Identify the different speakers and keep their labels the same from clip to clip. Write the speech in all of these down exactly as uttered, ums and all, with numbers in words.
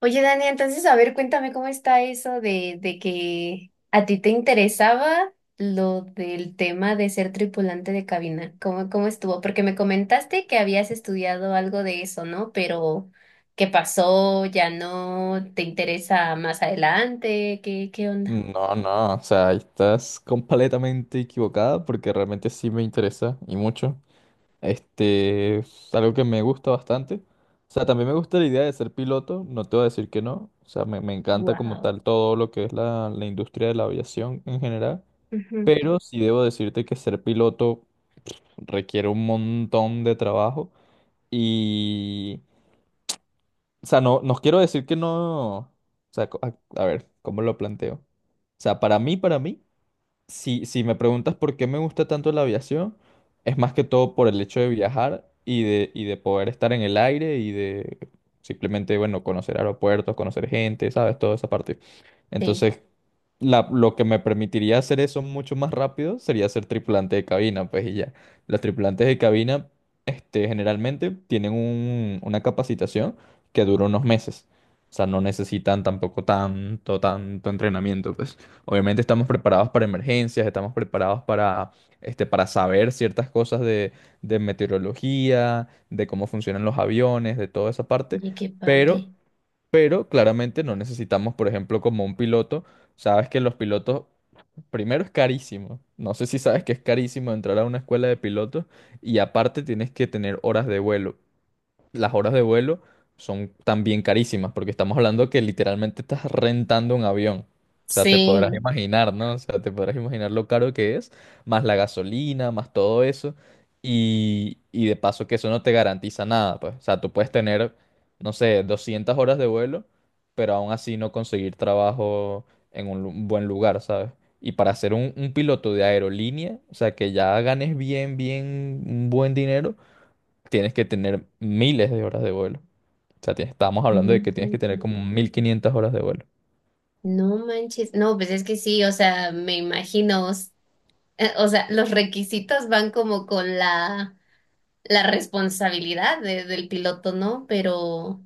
Speaker 1: Oye, Dani, entonces, a ver, cuéntame cómo está eso de, de que a ti te interesaba lo del tema de ser tripulante de cabina. ¿Cómo, cómo estuvo? Porque me comentaste que habías estudiado algo de eso, ¿no? Pero, ¿qué pasó? ¿Ya no te interesa más adelante? ¿Qué, qué onda?
Speaker 2: No, no, o sea, estás completamente equivocada porque realmente sí me interesa y mucho. Este es algo que me gusta bastante. O sea, también me gusta la idea de ser piloto, no te voy a decir que no. O sea, me, me encanta como
Speaker 1: Wow.
Speaker 2: tal todo lo que es la, la industria de la aviación en general. Pero sí debo decirte que ser piloto requiere un montón de trabajo y... O sea, no, no quiero decir que no... O sea, co- a a ver, ¿cómo lo planteo? O sea, para mí, para mí. Si, si me preguntas por qué me gusta tanto la aviación, es más que todo por el hecho de viajar y de, y de poder estar en el aire y de simplemente, bueno, conocer aeropuertos, conocer gente, ¿sabes? Toda esa parte.
Speaker 1: Sí.
Speaker 2: Entonces, la- lo que me permitiría hacer eso mucho más rápido sería ser tripulante de cabina, pues y ya. Los tripulantes de cabina, este, generalmente tienen un- una capacitación que dura unos meses. O sea, no necesitan tampoco tanto, tanto entrenamiento, pues. Obviamente estamos preparados para emergencias, estamos preparados para, este, para saber ciertas cosas de, de meteorología, de cómo funcionan los aviones, de toda esa parte,
Speaker 1: Oye, qué
Speaker 2: pero,
Speaker 1: padre.
Speaker 2: pero claramente no necesitamos, por ejemplo, como un piloto, sabes que los pilotos, primero es carísimo, no sé si sabes que es carísimo entrar a una escuela de pilotos y aparte tienes que tener horas de vuelo las horas de vuelo son también carísimas, porque estamos hablando que literalmente estás rentando un avión. O sea, te podrás
Speaker 1: Sí.
Speaker 2: imaginar, ¿no? O sea, te podrás imaginar lo caro que es, más la gasolina, más todo eso. Y, y de paso que eso no te garantiza nada, pues. O sea, tú puedes tener, no sé, doscientas horas de vuelo, pero aún así no conseguir trabajo en un lu- un buen lugar, ¿sabes? Y para ser un, un piloto de aerolínea, o sea, que ya ganes bien, bien, un buen dinero tienes que tener miles de horas de vuelo. O sea, tienes- estábamos hablando
Speaker 1: No
Speaker 2: de que tienes que tener
Speaker 1: manches.
Speaker 2: como mil quinientas horas de vuelo.
Speaker 1: No manches. No, pues es que sí, o sea, me imagino. Eh, O sea, los requisitos van como con la, la responsabilidad de- del piloto, ¿no? Pero,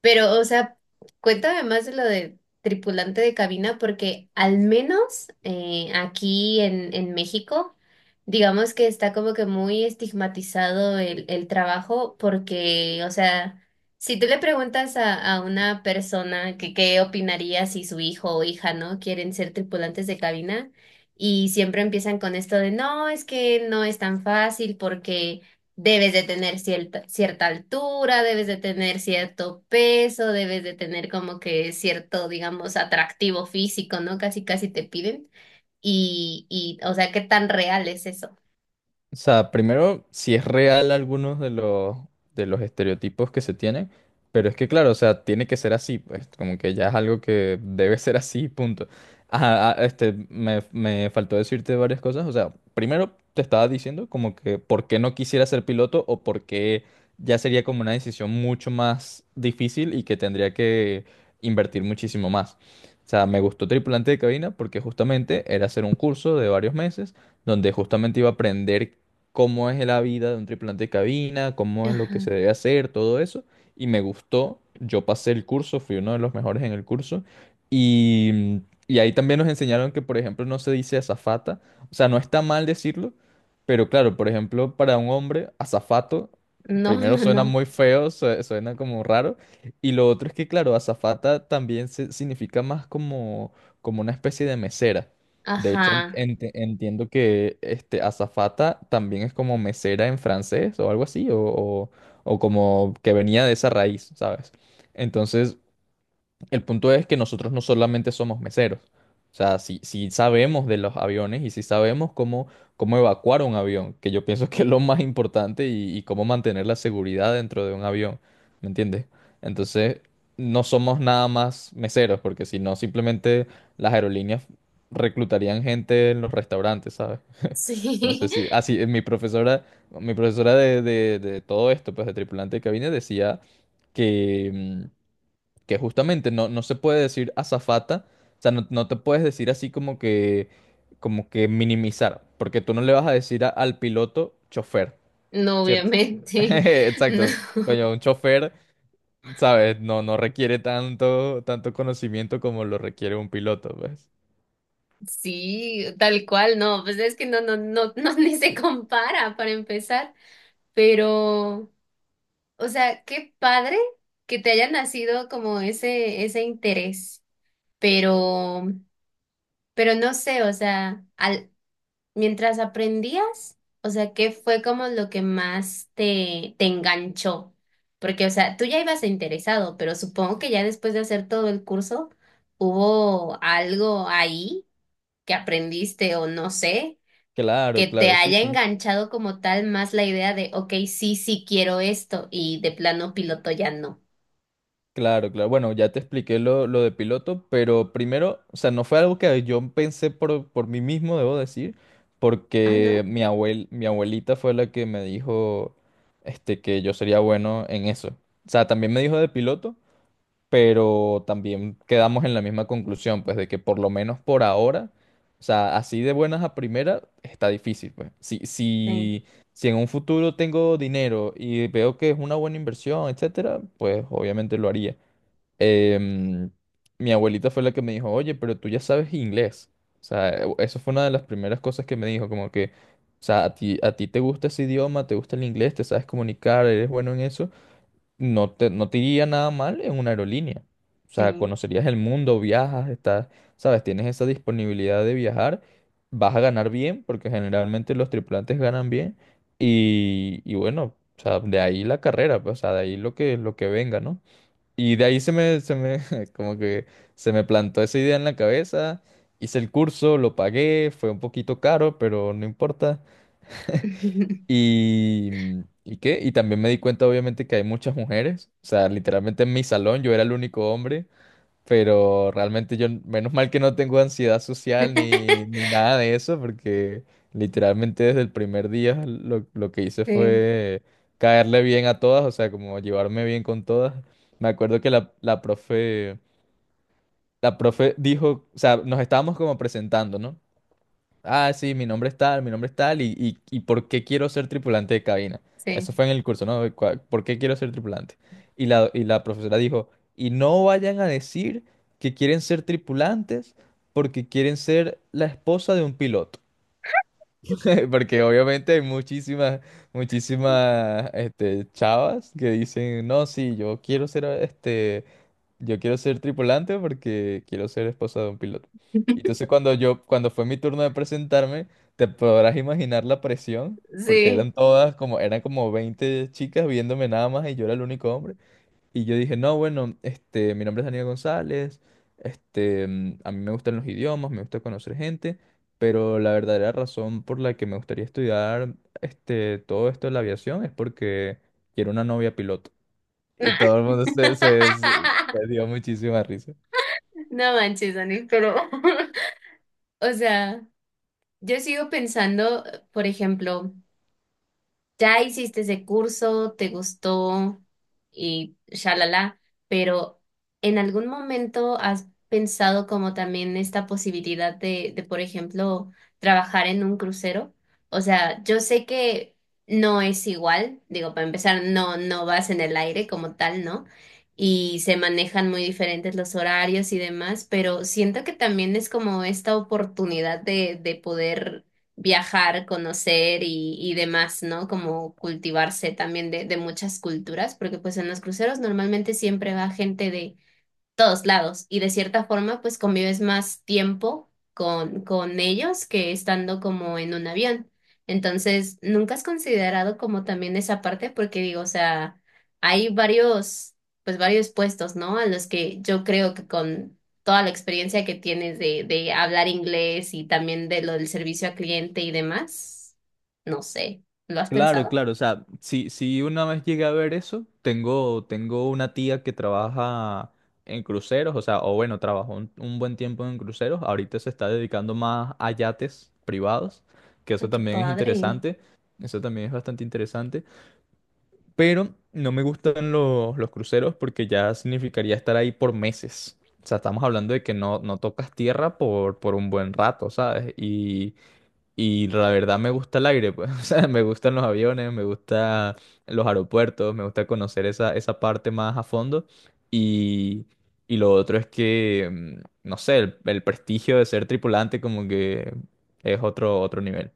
Speaker 1: pero, o sea, cuéntame más de lo de tripulante de cabina, porque al menos eh, aquí en, en México, digamos que está como que muy estigmatizado el, el trabajo, porque, o sea, si tú le preguntas a, a una persona que qué opinaría si su hijo o hija, ¿no?, quieren ser tripulantes de cabina, y siempre empiezan con esto de, no, es que no es tan fácil porque debes de tener cierta, cierta altura, debes de tener cierto peso, debes de tener como que cierto, digamos, atractivo físico, ¿no? Casi, casi te piden. Y, y, o sea, ¿qué tan real es eso?
Speaker 2: O sea, primero, si es real algunos de los, de los estereotipos que se tienen, pero es que claro, o sea, tiene que ser así, pues como que ya es algo que debe ser así, punto. Ajá, ah, este, me, me faltó decirte varias cosas, o sea, primero te estaba diciendo como que por qué no quisiera ser piloto o por qué ya sería como una decisión mucho más difícil y que tendría que invertir muchísimo más. O sea, me gustó tripulante de cabina porque justamente era hacer un curso de varios meses donde justamente iba a aprender cómo es la vida de un tripulante de cabina, cómo es lo que se
Speaker 1: Ajá.
Speaker 2: debe hacer, todo eso. Y me gustó, yo pasé el curso, fui uno de los mejores en el curso. Y, y ahí también nos enseñaron que, por ejemplo, no se dice azafata. O sea, no está mal decirlo, pero claro, por ejemplo, para un hombre, azafato,
Speaker 1: No,
Speaker 2: primero
Speaker 1: no,
Speaker 2: suena
Speaker 1: no.
Speaker 2: muy feo, sue- suena como raro. Y lo otro es que, claro, azafata también se- significa más como, como una especie de mesera. De
Speaker 1: Ajá.
Speaker 2: hecho, en- ent- entiendo que este azafata también es como mesera en francés o algo así, o, o- o como que venía de esa raíz, ¿sabes? Entonces, el punto es que nosotros no solamente somos meseros. O sea, si, si sabemos de los aviones y si sabemos cómo, cómo, evacuar un avión, que yo pienso que es lo más importante y, y cómo mantener la seguridad dentro de un avión, ¿me entiendes? Entonces, no somos nada más meseros, porque si no, simplemente las aerolíneas reclutarían gente en los restaurantes, ¿sabes? No sé
Speaker 1: Sí,
Speaker 2: si... Ah, sí, eh, mi profesora, mi profesora de, de, de todo esto, pues de tripulante de cabina, decía que... mm, que justamente no, no se puede decir azafata, o sea, no, no te puedes decir así como que, como que minimizar, porque tú no le vas a decir a- al piloto chofer,
Speaker 1: no,
Speaker 2: ¿cierto?
Speaker 1: obviamente. No,
Speaker 2: Exacto, coño, un chofer, ¿sabes? No, no requiere tanto, tanto conocimiento como lo requiere un piloto, pues.
Speaker 1: sí, tal cual, no. Pues es que no, no, no, no, ni se compara para empezar. Pero, o sea, qué padre que te haya nacido como ese, ese interés, pero, pero no sé, o sea, al, mientras aprendías, o sea, ¿qué fue como lo que más te, te enganchó? Porque, o sea, tú ya ibas interesado, pero supongo que ya después de hacer todo el curso, hubo algo ahí que aprendiste o no sé, que
Speaker 2: Claro,
Speaker 1: te
Speaker 2: claro, sí,
Speaker 1: haya
Speaker 2: sí.
Speaker 1: enganchado como tal más la idea de, ok, sí, sí quiero esto y de plano piloto ya no.
Speaker 2: Claro, claro. Bueno, ya te expliqué lo, lo de piloto, pero primero, o sea, no fue algo que yo pensé por, por mí mismo, debo decir,
Speaker 1: Ah,
Speaker 2: porque
Speaker 1: ¿no?
Speaker 2: mi abuel, mi abuelita fue la que me dijo, este, que yo sería bueno en eso. O sea, también me dijo de piloto, pero también quedamos en la misma conclusión, pues, de que por lo menos por ahora, o sea, así de buenas a primera, está difícil, pues. Si,
Speaker 1: Sí,
Speaker 2: si, si en un futuro tengo dinero y veo que es una buena inversión, etcétera, pues obviamente lo haría em, mi abuelita fue la que me dijo, oye, pero tú ya sabes inglés. O sea, e- eso fue una de las primeras cosas que me dijo, como que, o sea, a ti, a ti te gusta ese idioma, te gusta el inglés, te sabes comunicar, eres bueno en eso, no te, no te iría nada mal en una aerolínea. O sea,
Speaker 1: sí.
Speaker 2: conocerías el mundo, viajas, estás, sabes, tienes esa disponibilidad de viajar, vas a ganar bien, porque generalmente los tripulantes ganan bien, y, y bueno, o sea, de ahí la carrera, pues, o sea, de ahí lo que, lo que venga, ¿no? Y de ahí se me, se me, como que se me plantó esa idea en la cabeza. Hice el curso, lo pagué, fue un poquito caro, pero no importa. Y, mm, ¿y qué? Y también me di cuenta, obviamente, que hay muchas mujeres. O sea, literalmente en mi salón yo era el único hombre. Pero realmente yo, menos mal que no tengo ansiedad social ni, ni nada de eso, porque literalmente desde el primer día lo, lo que hice
Speaker 1: Sí,
Speaker 2: fue caerle bien a todas, o sea, como llevarme bien con todas. Me acuerdo que la, la profe, la profe dijo, o sea, nos estábamos como presentando, ¿no? Ah, sí, mi nombre es tal, mi nombre es tal, y, y, y por qué quiero ser tripulante de cabina. Eso
Speaker 1: sí,
Speaker 2: fue en el curso, ¿no? Cua- ¿Por qué quiero ser tripulante? Y la, y la profesora dijo, y no vayan a decir que quieren ser tripulantes porque quieren ser la esposa de un piloto. Porque obviamente hay muchísimas, muchísimas, este, chavas que dicen, no, sí, yo quiero ser, este, yo quiero ser tripulante porque quiero ser esposa de un piloto. Y entonces cuando yo, cuando fue mi turno de presentarme, te podrás imaginar la presión, porque
Speaker 1: sí.
Speaker 2: eran todas como, eran como veinte chicas viéndome nada más y yo era el único hombre. Y yo dije, no, bueno, este, mi nombre es Daniel González, este, mm, a mí me gustan los idiomas, me gusta conocer gente, pero la verdadera razón por la que me gustaría estudiar, este, todo esto de la aviación es porque quiero una novia piloto. Y todo el mundo se, se, se- se dio muchísima risa.
Speaker 1: No manches, Dani, pero, o sea, yo sigo pensando, por ejemplo, ya hiciste ese curso, te gustó y shalala, pero ¿en algún momento has pensado como también esta posibilidad de, de, por ejemplo, trabajar en un crucero? O sea, yo sé que no es igual, digo, para empezar, no, no vas en el aire como tal, ¿no? Y se manejan muy diferentes los horarios y demás, pero siento que también es como esta oportunidad de, de poder viajar, conocer y, y demás, ¿no? Como cultivarse también de, de muchas culturas, porque pues en los cruceros normalmente siempre va gente de todos lados y de cierta forma pues convives más tiempo con, con ellos que estando como en un avión. Entonces, ¿nunca has considerado como también esa parte? Porque digo, o sea, hay varios, pues varios puestos, ¿no? A los que yo creo que con toda la experiencia que tienes de, de hablar inglés y también de lo del servicio al cliente y demás, no sé, ¿lo has
Speaker 2: Claro,
Speaker 1: pensado?
Speaker 2: claro, o sea, si, si una vez llegué a ver eso, tengo, tengo una tía que trabaja en cruceros, o sea, o bueno, trabajó un, un buen tiempo en cruceros, ahorita se está dedicando más a yates privados, que eso
Speaker 1: Ay, qué
Speaker 2: también es
Speaker 1: padre.
Speaker 2: interesante, eso también es bastante interesante, pero no me gustan los, los cruceros porque ya significaría estar ahí por meses, o sea, estamos hablando de que no, no tocas tierra por, por un buen rato, ¿sabes? Y la verdad me gusta el aire, pues. O sea, me gustan los aviones, me gusta los aeropuertos, me gusta conocer esa, esa parte más a fondo. Y, y lo otro es que, mm, no sé, el, el prestigio de ser tripulante como que es otro, otro nivel.